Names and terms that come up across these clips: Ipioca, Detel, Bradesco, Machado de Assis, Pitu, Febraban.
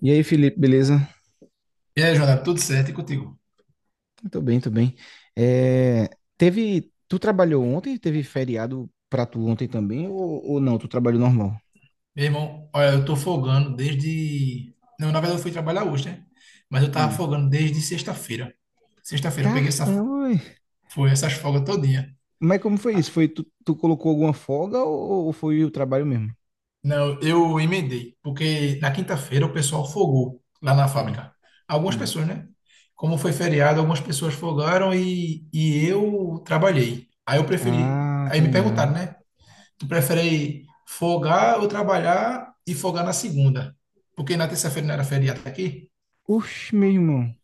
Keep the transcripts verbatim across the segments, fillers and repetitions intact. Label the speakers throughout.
Speaker 1: E aí, Felipe, beleza?
Speaker 2: E aí, Jonathan, tudo certo? E contigo?
Speaker 1: Tô bem, tô bem. É, teve, tu trabalhou ontem? Teve feriado pra tu ontem também? Ou, ou não? Tu trabalhou normal?
Speaker 2: Meu irmão, olha, eu tô folgando desde. Não, na verdade eu fui trabalhar hoje, né? Mas eu tava
Speaker 1: Hum.
Speaker 2: folgando desde sexta-feira. Sexta-feira eu peguei essa...
Speaker 1: Caramba! Ué.
Speaker 2: Foi essas folgas todinha.
Speaker 1: Mas como foi isso? Foi tu, tu colocou alguma folga ou, ou foi o trabalho mesmo?
Speaker 2: Não, eu emendei, porque na quinta-feira o pessoal folgou lá na
Speaker 1: Hum,
Speaker 2: fábrica. Algumas
Speaker 1: hum.
Speaker 2: pessoas, né? Como foi feriado, algumas pessoas folgaram e, e eu trabalhei. Aí eu preferi.
Speaker 1: Ah,
Speaker 2: Aí
Speaker 1: tá
Speaker 2: me
Speaker 1: ligado.
Speaker 2: perguntaram, né? Tu prefere folgar ou trabalhar e folgar na segunda? Porque na terça-feira não era feriado aqui?
Speaker 1: Oxe, meu irmão.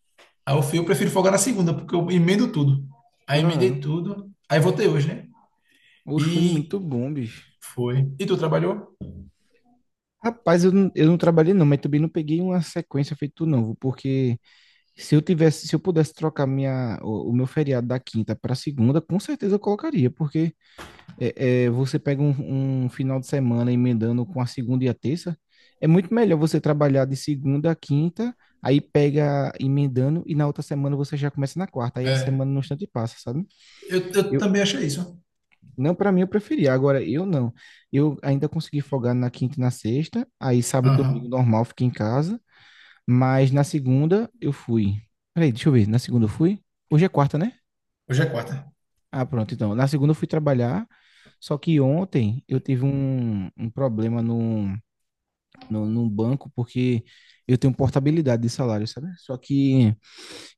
Speaker 2: Aí eu fui, eu prefiro folgar na segunda, porque eu emendo tudo. Aí emendei
Speaker 1: Claro.
Speaker 2: tudo. Aí voltei hoje, né?
Speaker 1: Oxe, foi
Speaker 2: E
Speaker 1: muito bom, bicho.
Speaker 2: foi. E tu trabalhou?
Speaker 1: Rapaz, eu, não- eu não trabalhei não, mas também não peguei uma sequência feito tu não, porque Se eu tivesse, se eu pudesse trocar minha, o, o meu feriado da quinta para segunda, com certeza eu colocaria, porque é, é, você pega um, um final de semana emendando com a segunda e a terça, é muito melhor você trabalhar de segunda a quinta, aí pega emendando e na outra semana você já começa na quarta, aí a
Speaker 2: É.
Speaker 1: semana no instante passa, sabe?
Speaker 2: Eu, eu
Speaker 1: Eu,
Speaker 2: também achei isso.
Speaker 1: não, para mim eu preferia, agora eu não. Eu ainda consegui folgar na quinta e na sexta, aí sábado e domingo
Speaker 2: Aham.
Speaker 1: normal fica em casa. Mas na segunda eu fui. Peraí, deixa eu ver. Na segunda eu fui? Hoje é quarta, né?
Speaker 2: Hoje é quarta.
Speaker 1: Ah, pronto, então. Na segunda eu fui trabalhar. Só que ontem eu tive um, um problema no, no, num banco, porque eu tenho portabilidade de salário, sabe? Só que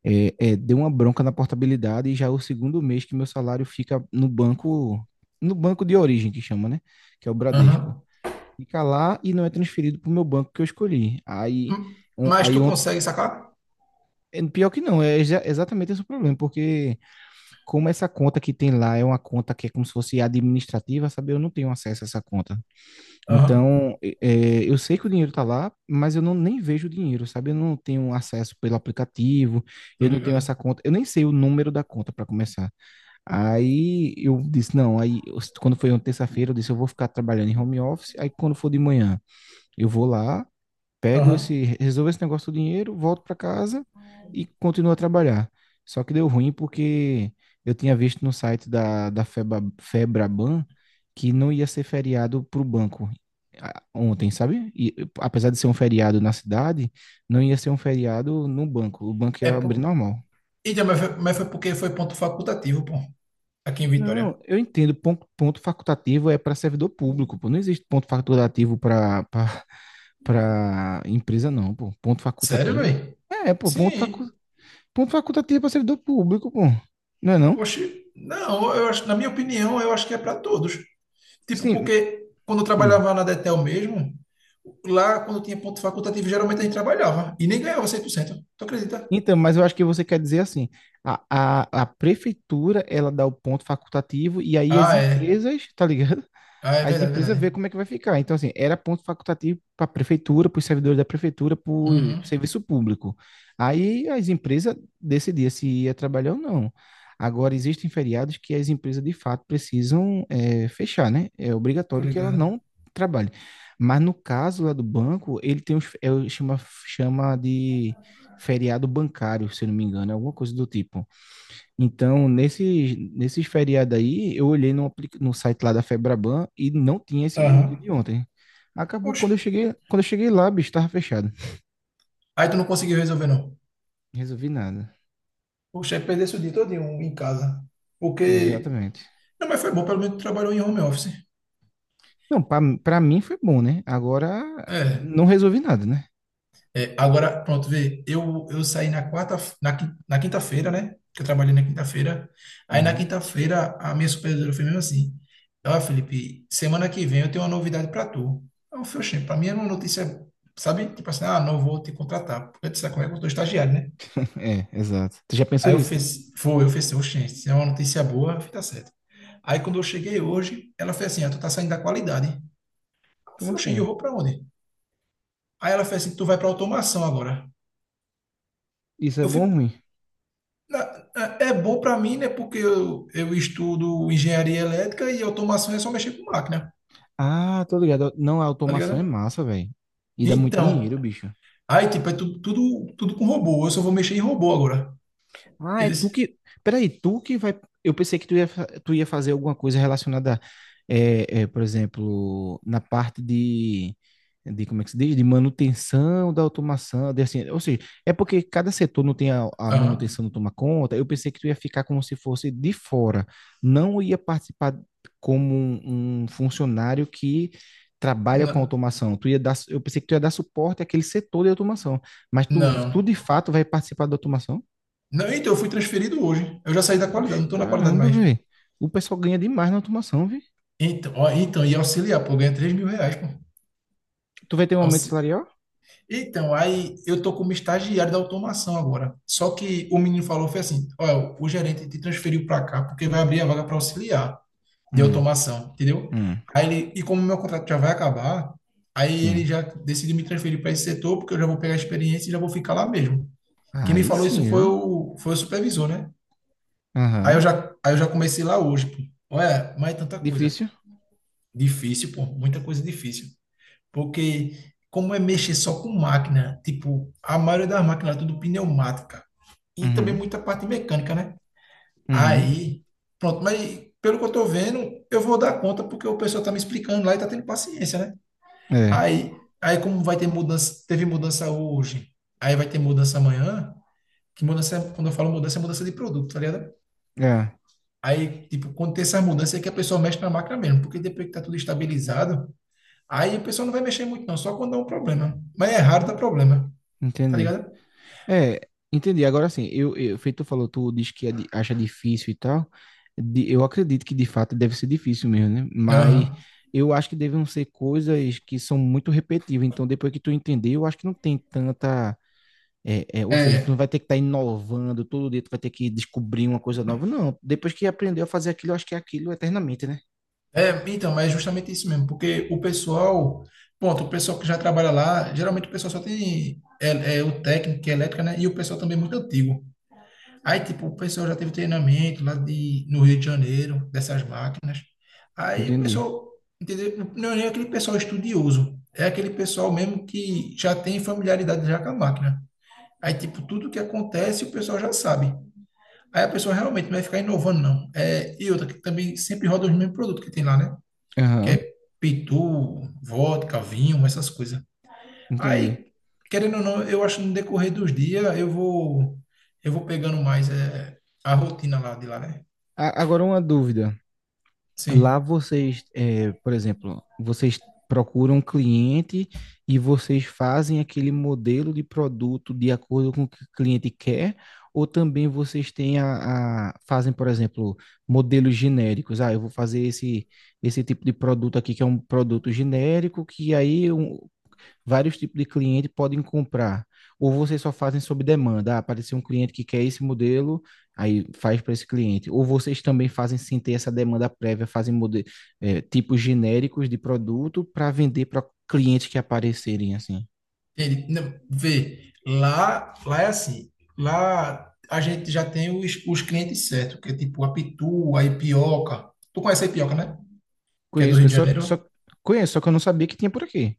Speaker 1: é, é, deu uma bronca na portabilidade e já é o segundo mês que meu salário fica no banco, no banco de origem que chama, né? Que é o Bradesco.
Speaker 2: Aham.
Speaker 1: Fica lá e não é transferido para o meu banco que eu escolhi. Aí,
Speaker 2: Hum,
Speaker 1: on-
Speaker 2: mas
Speaker 1: aí,
Speaker 2: tu consegue sacar?
Speaker 1: é, pior que não, é exa- exatamente esse o problema, porque como essa conta que tem lá é uma conta que é como se fosse administrativa, sabe? Eu não tenho acesso a essa conta.
Speaker 2: Aham.
Speaker 1: Então, e- é, eu sei que o dinheiro tá lá, mas eu não nem vejo o dinheiro, sabe? Eu não tenho acesso pelo aplicativo,
Speaker 2: Tô
Speaker 1: eu não tenho essa
Speaker 2: ligado.
Speaker 1: conta, eu nem sei o número da conta para começar. Aí eu disse, não, aí eu- quando foi uma terça-feira, eu disse, eu vou ficar trabalhando em home office, aí quando for de manhã, eu vou lá pego esse,
Speaker 2: Aham.
Speaker 1: resolvo esse negócio do dinheiro, volto para casa e continuo a trabalhar. Só que deu ruim porque eu tinha visto no site da, da Feba, Febraban que não ia ser feriado para o banco ah, ontem, sabe? E apesar de ser um feriado na cidade, não ia ser um feriado no banco. O banco
Speaker 2: É
Speaker 1: ia abrir
Speaker 2: por...
Speaker 1: normal.
Speaker 2: Então, mas foi, mas foi porque foi ponto facultativo, pô. Aqui em Vitória.
Speaker 1: Não, eu entendo. Ponto, ponto facultativo é para servidor público, pô. Não existe ponto facultativo para para empresa, não, pô. Ponto
Speaker 2: Sério,
Speaker 1: facultativo.
Speaker 2: velho?
Speaker 1: É, pô, ponto facu...
Speaker 2: Sim.
Speaker 1: ponto facultativo é para servidor público, pô. Não é não?
Speaker 2: Oxi. Não, eu acho, na minha opinião, eu acho que é para todos. Tipo,
Speaker 1: Sim.
Speaker 2: porque quando eu
Speaker 1: Hum.
Speaker 2: trabalhava na Detel mesmo, lá quando tinha ponto facultativo, geralmente a gente trabalhava e nem ganhava cem por cento, tu acredita?
Speaker 1: Então, mas eu acho que você quer dizer assim, a, a, a prefeitura, ela dá o ponto facultativo e aí as
Speaker 2: Ah, é.
Speaker 1: empresas, tá ligado?
Speaker 2: Ah, é
Speaker 1: As
Speaker 2: verdade,
Speaker 1: empresas ver
Speaker 2: verdade.
Speaker 1: como é que vai ficar. Então, assim, era ponto facultativo para a prefeitura, para os servidores da prefeitura, para o
Speaker 2: Uhum,
Speaker 1: serviço público. Aí as empresas decidiam se ia trabalhar ou não. Agora, existem feriados que as empresas, de fato, precisam é, fechar, né? É
Speaker 2: tô
Speaker 1: obrigatório que ela
Speaker 2: ligado.
Speaker 1: não trabalhe. Mas no caso lá do banco, ele tem os, é, o- chama, chama de feriado bancário, se eu não me engano, é alguma coisa do tipo. Então, nesses, nesses feriados aí, eu olhei no, apli- no site lá da Febraban e não tinha esse o dia
Speaker 2: Aham.
Speaker 1: de ontem. Acabou
Speaker 2: Poxa,
Speaker 1: quando eu cheguei, quando eu cheguei lá, bicho, tava fechado.
Speaker 2: aí tu não conseguiu resolver, não.
Speaker 1: Resolvi nada.
Speaker 2: Poxa, aí perdesse o dia todinho em casa. Porque.
Speaker 1: Exatamente.
Speaker 2: Não, mas foi bom, pelo menos tu trabalhou em home office.
Speaker 1: Não, pra, pra mim foi bom, né? Agora
Speaker 2: É.
Speaker 1: não resolvi nada, né?
Speaker 2: É, agora, pronto, vê, eu, eu saí na quarta, na, quin- na quinta-feira, né? Que eu trabalhei na quinta-feira. Aí na
Speaker 1: Uhum.
Speaker 2: quinta-feira a minha supervisora foi mesmo assim: Ó, Felipe, semana que vem eu tenho uma novidade pra tu. Aí eu falei, "Oxê, pra mim era uma notícia, sabe? Tipo assim, ah, não vou te contratar, porque tu sabe como é que eu tô estagiário, né?
Speaker 1: É, exato. Tu já pensou
Speaker 2: Aí eu
Speaker 1: isso, né?
Speaker 2: fiz, foi, eu fiz assim, oxê, se é uma notícia boa, fica certo. Aí quando eu cheguei hoje, ela fez assim, ah, tu tá saindo da qualidade. Eu
Speaker 1: Como
Speaker 2: falei, oxê, e eu
Speaker 1: assim?
Speaker 2: vou pra onde? Aí ela fez assim, tu vai pra automação agora.
Speaker 1: Isso é
Speaker 2: Eu
Speaker 1: bom ou
Speaker 2: fui
Speaker 1: ruim?
Speaker 2: Na- É é bom para mim, né? Porque eu, eu estudo engenharia elétrica e automação é só mexer com máquina,
Speaker 1: Ah, tô ligado. Não, a
Speaker 2: tá
Speaker 1: automação é
Speaker 2: ligado?
Speaker 1: massa, velho. E dá muito
Speaker 2: Então,
Speaker 1: dinheiro, bicho.
Speaker 2: aí, tipo, é tudo, tudo, tudo com robô. Eu só vou mexer em robô agora.
Speaker 1: Ah, é tu
Speaker 2: Eles?
Speaker 1: que. Peraí, tu que vai. Eu pensei que tu ia, fa- tu ia fazer alguma coisa relacionada, é, é, por exemplo, na parte de, de. Como é que se diz? De manutenção da automação. De, assim, ou seja, é porque cada setor não tem a, a
Speaker 2: Aham.
Speaker 1: manutenção, não toma conta. Eu pensei que tu ia ficar como se fosse de fora. Não ia participar como um, um funcionário que trabalha com
Speaker 2: N-
Speaker 1: automação. Tu ia dar, eu pensei que tu ia dar suporte àquele setor de automação. Mas tu, tu
Speaker 2: Não.
Speaker 1: de fato vai participar da automação?
Speaker 2: Não, então, eu fui transferido hoje. Eu já saí da qualidade,
Speaker 1: Oxe,
Speaker 2: não tô na qualidade
Speaker 1: caramba,
Speaker 2: mais.
Speaker 1: velho. O pessoal ganha demais na automação, viu?
Speaker 2: Então, ó, então, e auxiliar, pô, ganha três mil reais, pô.
Speaker 1: Tu vai ter um aumento
Speaker 2: Auxi-
Speaker 1: salarial?
Speaker 2: Então, aí eu tô como estagiário da automação agora. Só que o menino falou, foi assim, olha, o gerente te transferiu para cá porque vai abrir a vaga para auxiliar de
Speaker 1: Hum,
Speaker 2: automação, entendeu?
Speaker 1: hum,
Speaker 2: Aí ele, e como meu contrato já vai acabar, aí ele
Speaker 1: sim.
Speaker 2: já decidiu me transferir para esse setor, porque eu já vou pegar a experiência e já vou ficar lá mesmo. Quem me
Speaker 1: Aí
Speaker 2: falou
Speaker 1: sim,
Speaker 2: isso foi
Speaker 1: viu?
Speaker 2: o, foi o supervisor, né? Aí eu
Speaker 1: Aham.
Speaker 2: já, aí eu já comecei lá hoje, pô. Olha, mas é tanta coisa
Speaker 1: Difícil?
Speaker 2: difícil, pô, muita coisa difícil. Porque como é mexer só com máquina, tipo, a maioria das máquinas é tudo pneumática e também
Speaker 1: Uhum,
Speaker 2: muita parte mecânica, né?
Speaker 1: uhum.
Speaker 2: Aí, pronto, mas pelo que eu tô vendo, eu vou dar conta porque o pessoal tá me explicando lá e tá tendo paciência, né?
Speaker 1: É,
Speaker 2: Aí, aí como vai ter mudança, teve mudança hoje, aí vai ter mudança amanhã, que mudança, é- quando eu falo mudança, é mudança de produto, tá ligado?
Speaker 1: é,
Speaker 2: Aí, tipo, quando tem essa mudança é que a pessoa mexe na máquina mesmo, porque depois que tá tudo estabilizado, aí a pessoa não vai mexer muito não, só quando dá um problema. Mas é raro dar problema, tá
Speaker 1: entendi.
Speaker 2: ligado?
Speaker 1: É, entendi. Agora sim, eu, eu, feito tu falou, tu diz que é di- acha difícil e tal. De- eu acredito que de fato deve ser difícil mesmo, né? Mas
Speaker 2: Aham.
Speaker 1: eu acho que devem ser coisas que são muito repetitivas. Então, depois que tu entender, eu acho que não tem tanta. É, é, ou seja, tu não
Speaker 2: É,
Speaker 1: vai ter que estar inovando todo dia, tu vai ter que descobrir uma coisa nova. Não, depois que aprendeu a fazer aquilo, eu acho que é aquilo eternamente, né?
Speaker 2: É, então, mas é justamente isso mesmo, porque o pessoal, pronto, o pessoal que já trabalha lá, geralmente o pessoal só tem é, é, o técnico, que é elétrica, né? E o pessoal também é muito antigo. Aí, tipo, o pessoal já teve treinamento lá de, no Rio de Janeiro, dessas máquinas. Aí o
Speaker 1: Entendi.
Speaker 2: pessoal, entendeu? Não é nem aquele pessoal estudioso, é aquele pessoal mesmo que já tem familiaridade já com a máquina. Aí, tipo, tudo que acontece o pessoal já sabe. Aí a pessoa realmente não vai ficar inovando, não. É, e outra, que também sempre roda os mesmos produtos que tem lá, né? Que
Speaker 1: Aham,
Speaker 2: é pitu, vodka, vinho, essas coisas.
Speaker 1: entendi.
Speaker 2: Aí, querendo ou não, eu acho que no decorrer dos dias eu vou eu vou pegando mais é, a rotina lá de lá, né?
Speaker 1: A- agora uma dúvida. Lá
Speaker 2: Sim.
Speaker 1: vocês, é, por exemplo, vocês procuram um cliente e vocês fazem aquele modelo de produto de acordo com o que o cliente quer, ou também vocês têm a, a- fazem, por exemplo, modelos genéricos. Ah, eu vou fazer esse, esse tipo de produto aqui, que é um produto genérico, que aí um- vários tipos de cliente podem comprar. Ou vocês só fazem sob demanda. Ah, apareceu um cliente que quer esse modelo, aí faz para esse cliente. Ou vocês também fazem sem ter essa demanda prévia, fazem mode- eh, tipos genéricos de produto para vender para clientes que aparecerem assim.
Speaker 2: Ele, não, vê, lá, lá é assim, lá a gente já tem os, os clientes certos, que é tipo a pitu, a ipioca. Tu conhece a ipioca, né? Que é do
Speaker 1: Conheço,
Speaker 2: Rio de
Speaker 1: conheço, só,
Speaker 2: Janeiro?
Speaker 1: só conheço, só que eu não sabia que tinha por aqui.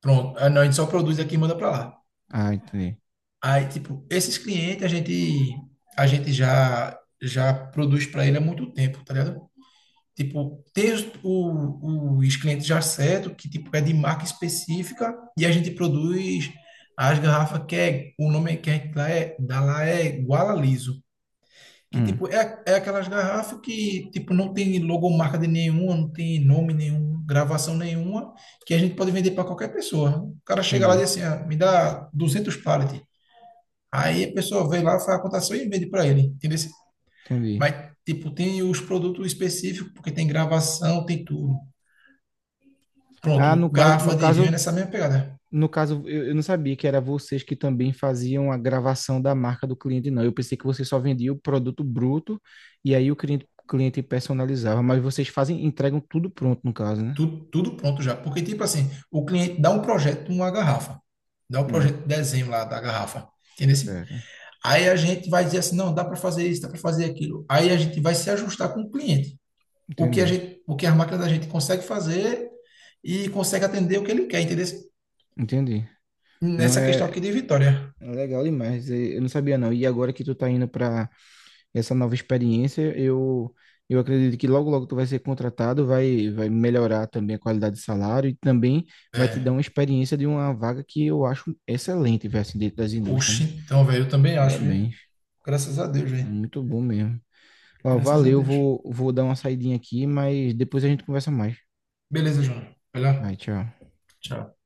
Speaker 2: Pronto. Ah, não, a gente só produz aqui e manda pra lá.
Speaker 1: Ah, entendi.
Speaker 2: Aí, tipo, esses clientes a gente a gente já já produz para ele há muito tempo, tá ligado? Tipo, tem os, o- os clientes já certo que tipo é de marca específica e a gente produz as garrafas que é o nome que a gente dá é dá lá é guala liso que
Speaker 1: Hum,
Speaker 2: tipo é, é aquelas garrafas que tipo não tem logomarca de nenhuma, não tem nome nenhum, gravação nenhuma, que a gente pode vender para qualquer pessoa. O cara chega lá e
Speaker 1: entendi,
Speaker 2: diz assim, ah, me dá duzentos pallets. Aí a pessoa vê lá, faz a cotação e vende para ele, entendeu?
Speaker 1: entendi.
Speaker 2: Mas, tipo, tem os produtos específicos, porque tem gravação, tem tudo.
Speaker 1: Ah,
Speaker 2: Pronto,
Speaker 1: no caso, no
Speaker 2: garrafa de vinho é
Speaker 1: caso
Speaker 2: nessa mesma pegada.
Speaker 1: No caso, eu, eu não sabia que era vocês que também faziam a gravação da marca do cliente, não. Eu pensei que você só vendia o produto bruto e aí o cliente, cliente personalizava, mas vocês fazem, entregam tudo pronto, no caso, né?
Speaker 2: Tudo, tudo pronto já. Porque, tipo assim, o cliente dá um projeto, uma garrafa. Dá um projeto
Speaker 1: Hum,
Speaker 2: de desenho lá da garrafa. Entendeu?
Speaker 1: certo.
Speaker 2: Aí a gente vai dizer assim, não, dá para fazer isso, dá para fazer aquilo. Aí a gente vai se ajustar com o cliente. O que a
Speaker 1: Entendi.
Speaker 2: gente, o que a máquina da gente consegue fazer e consegue atender o que ele quer, entendeu?
Speaker 1: Entendi. Não
Speaker 2: Nessa questão
Speaker 1: é
Speaker 2: aqui de Vitória.
Speaker 1: É legal demais. Eu não sabia, não. E agora que tu tá indo para essa nova experiência. Eu, eu acredito que logo, logo tu vai ser contratado, vai, vai melhorar também a qualidade de salário e também vai te dar uma
Speaker 2: É.
Speaker 1: experiência de uma vaga que eu acho excelente, velho, assim, dentro das indústrias,
Speaker 2: Oxi,
Speaker 1: né?
Speaker 2: então, velho, eu também acho, hein?
Speaker 1: Parabéns.
Speaker 2: Graças a Deus,
Speaker 1: É
Speaker 2: velho.
Speaker 1: muito bom mesmo. Ó,
Speaker 2: Graças a
Speaker 1: valeu,
Speaker 2: Deus.
Speaker 1: vou, vou dar uma saidinha aqui, mas depois a gente conversa mais.
Speaker 2: Beleza, João. Vai
Speaker 1: Vai,
Speaker 2: lá.
Speaker 1: tchau.
Speaker 2: Tchau.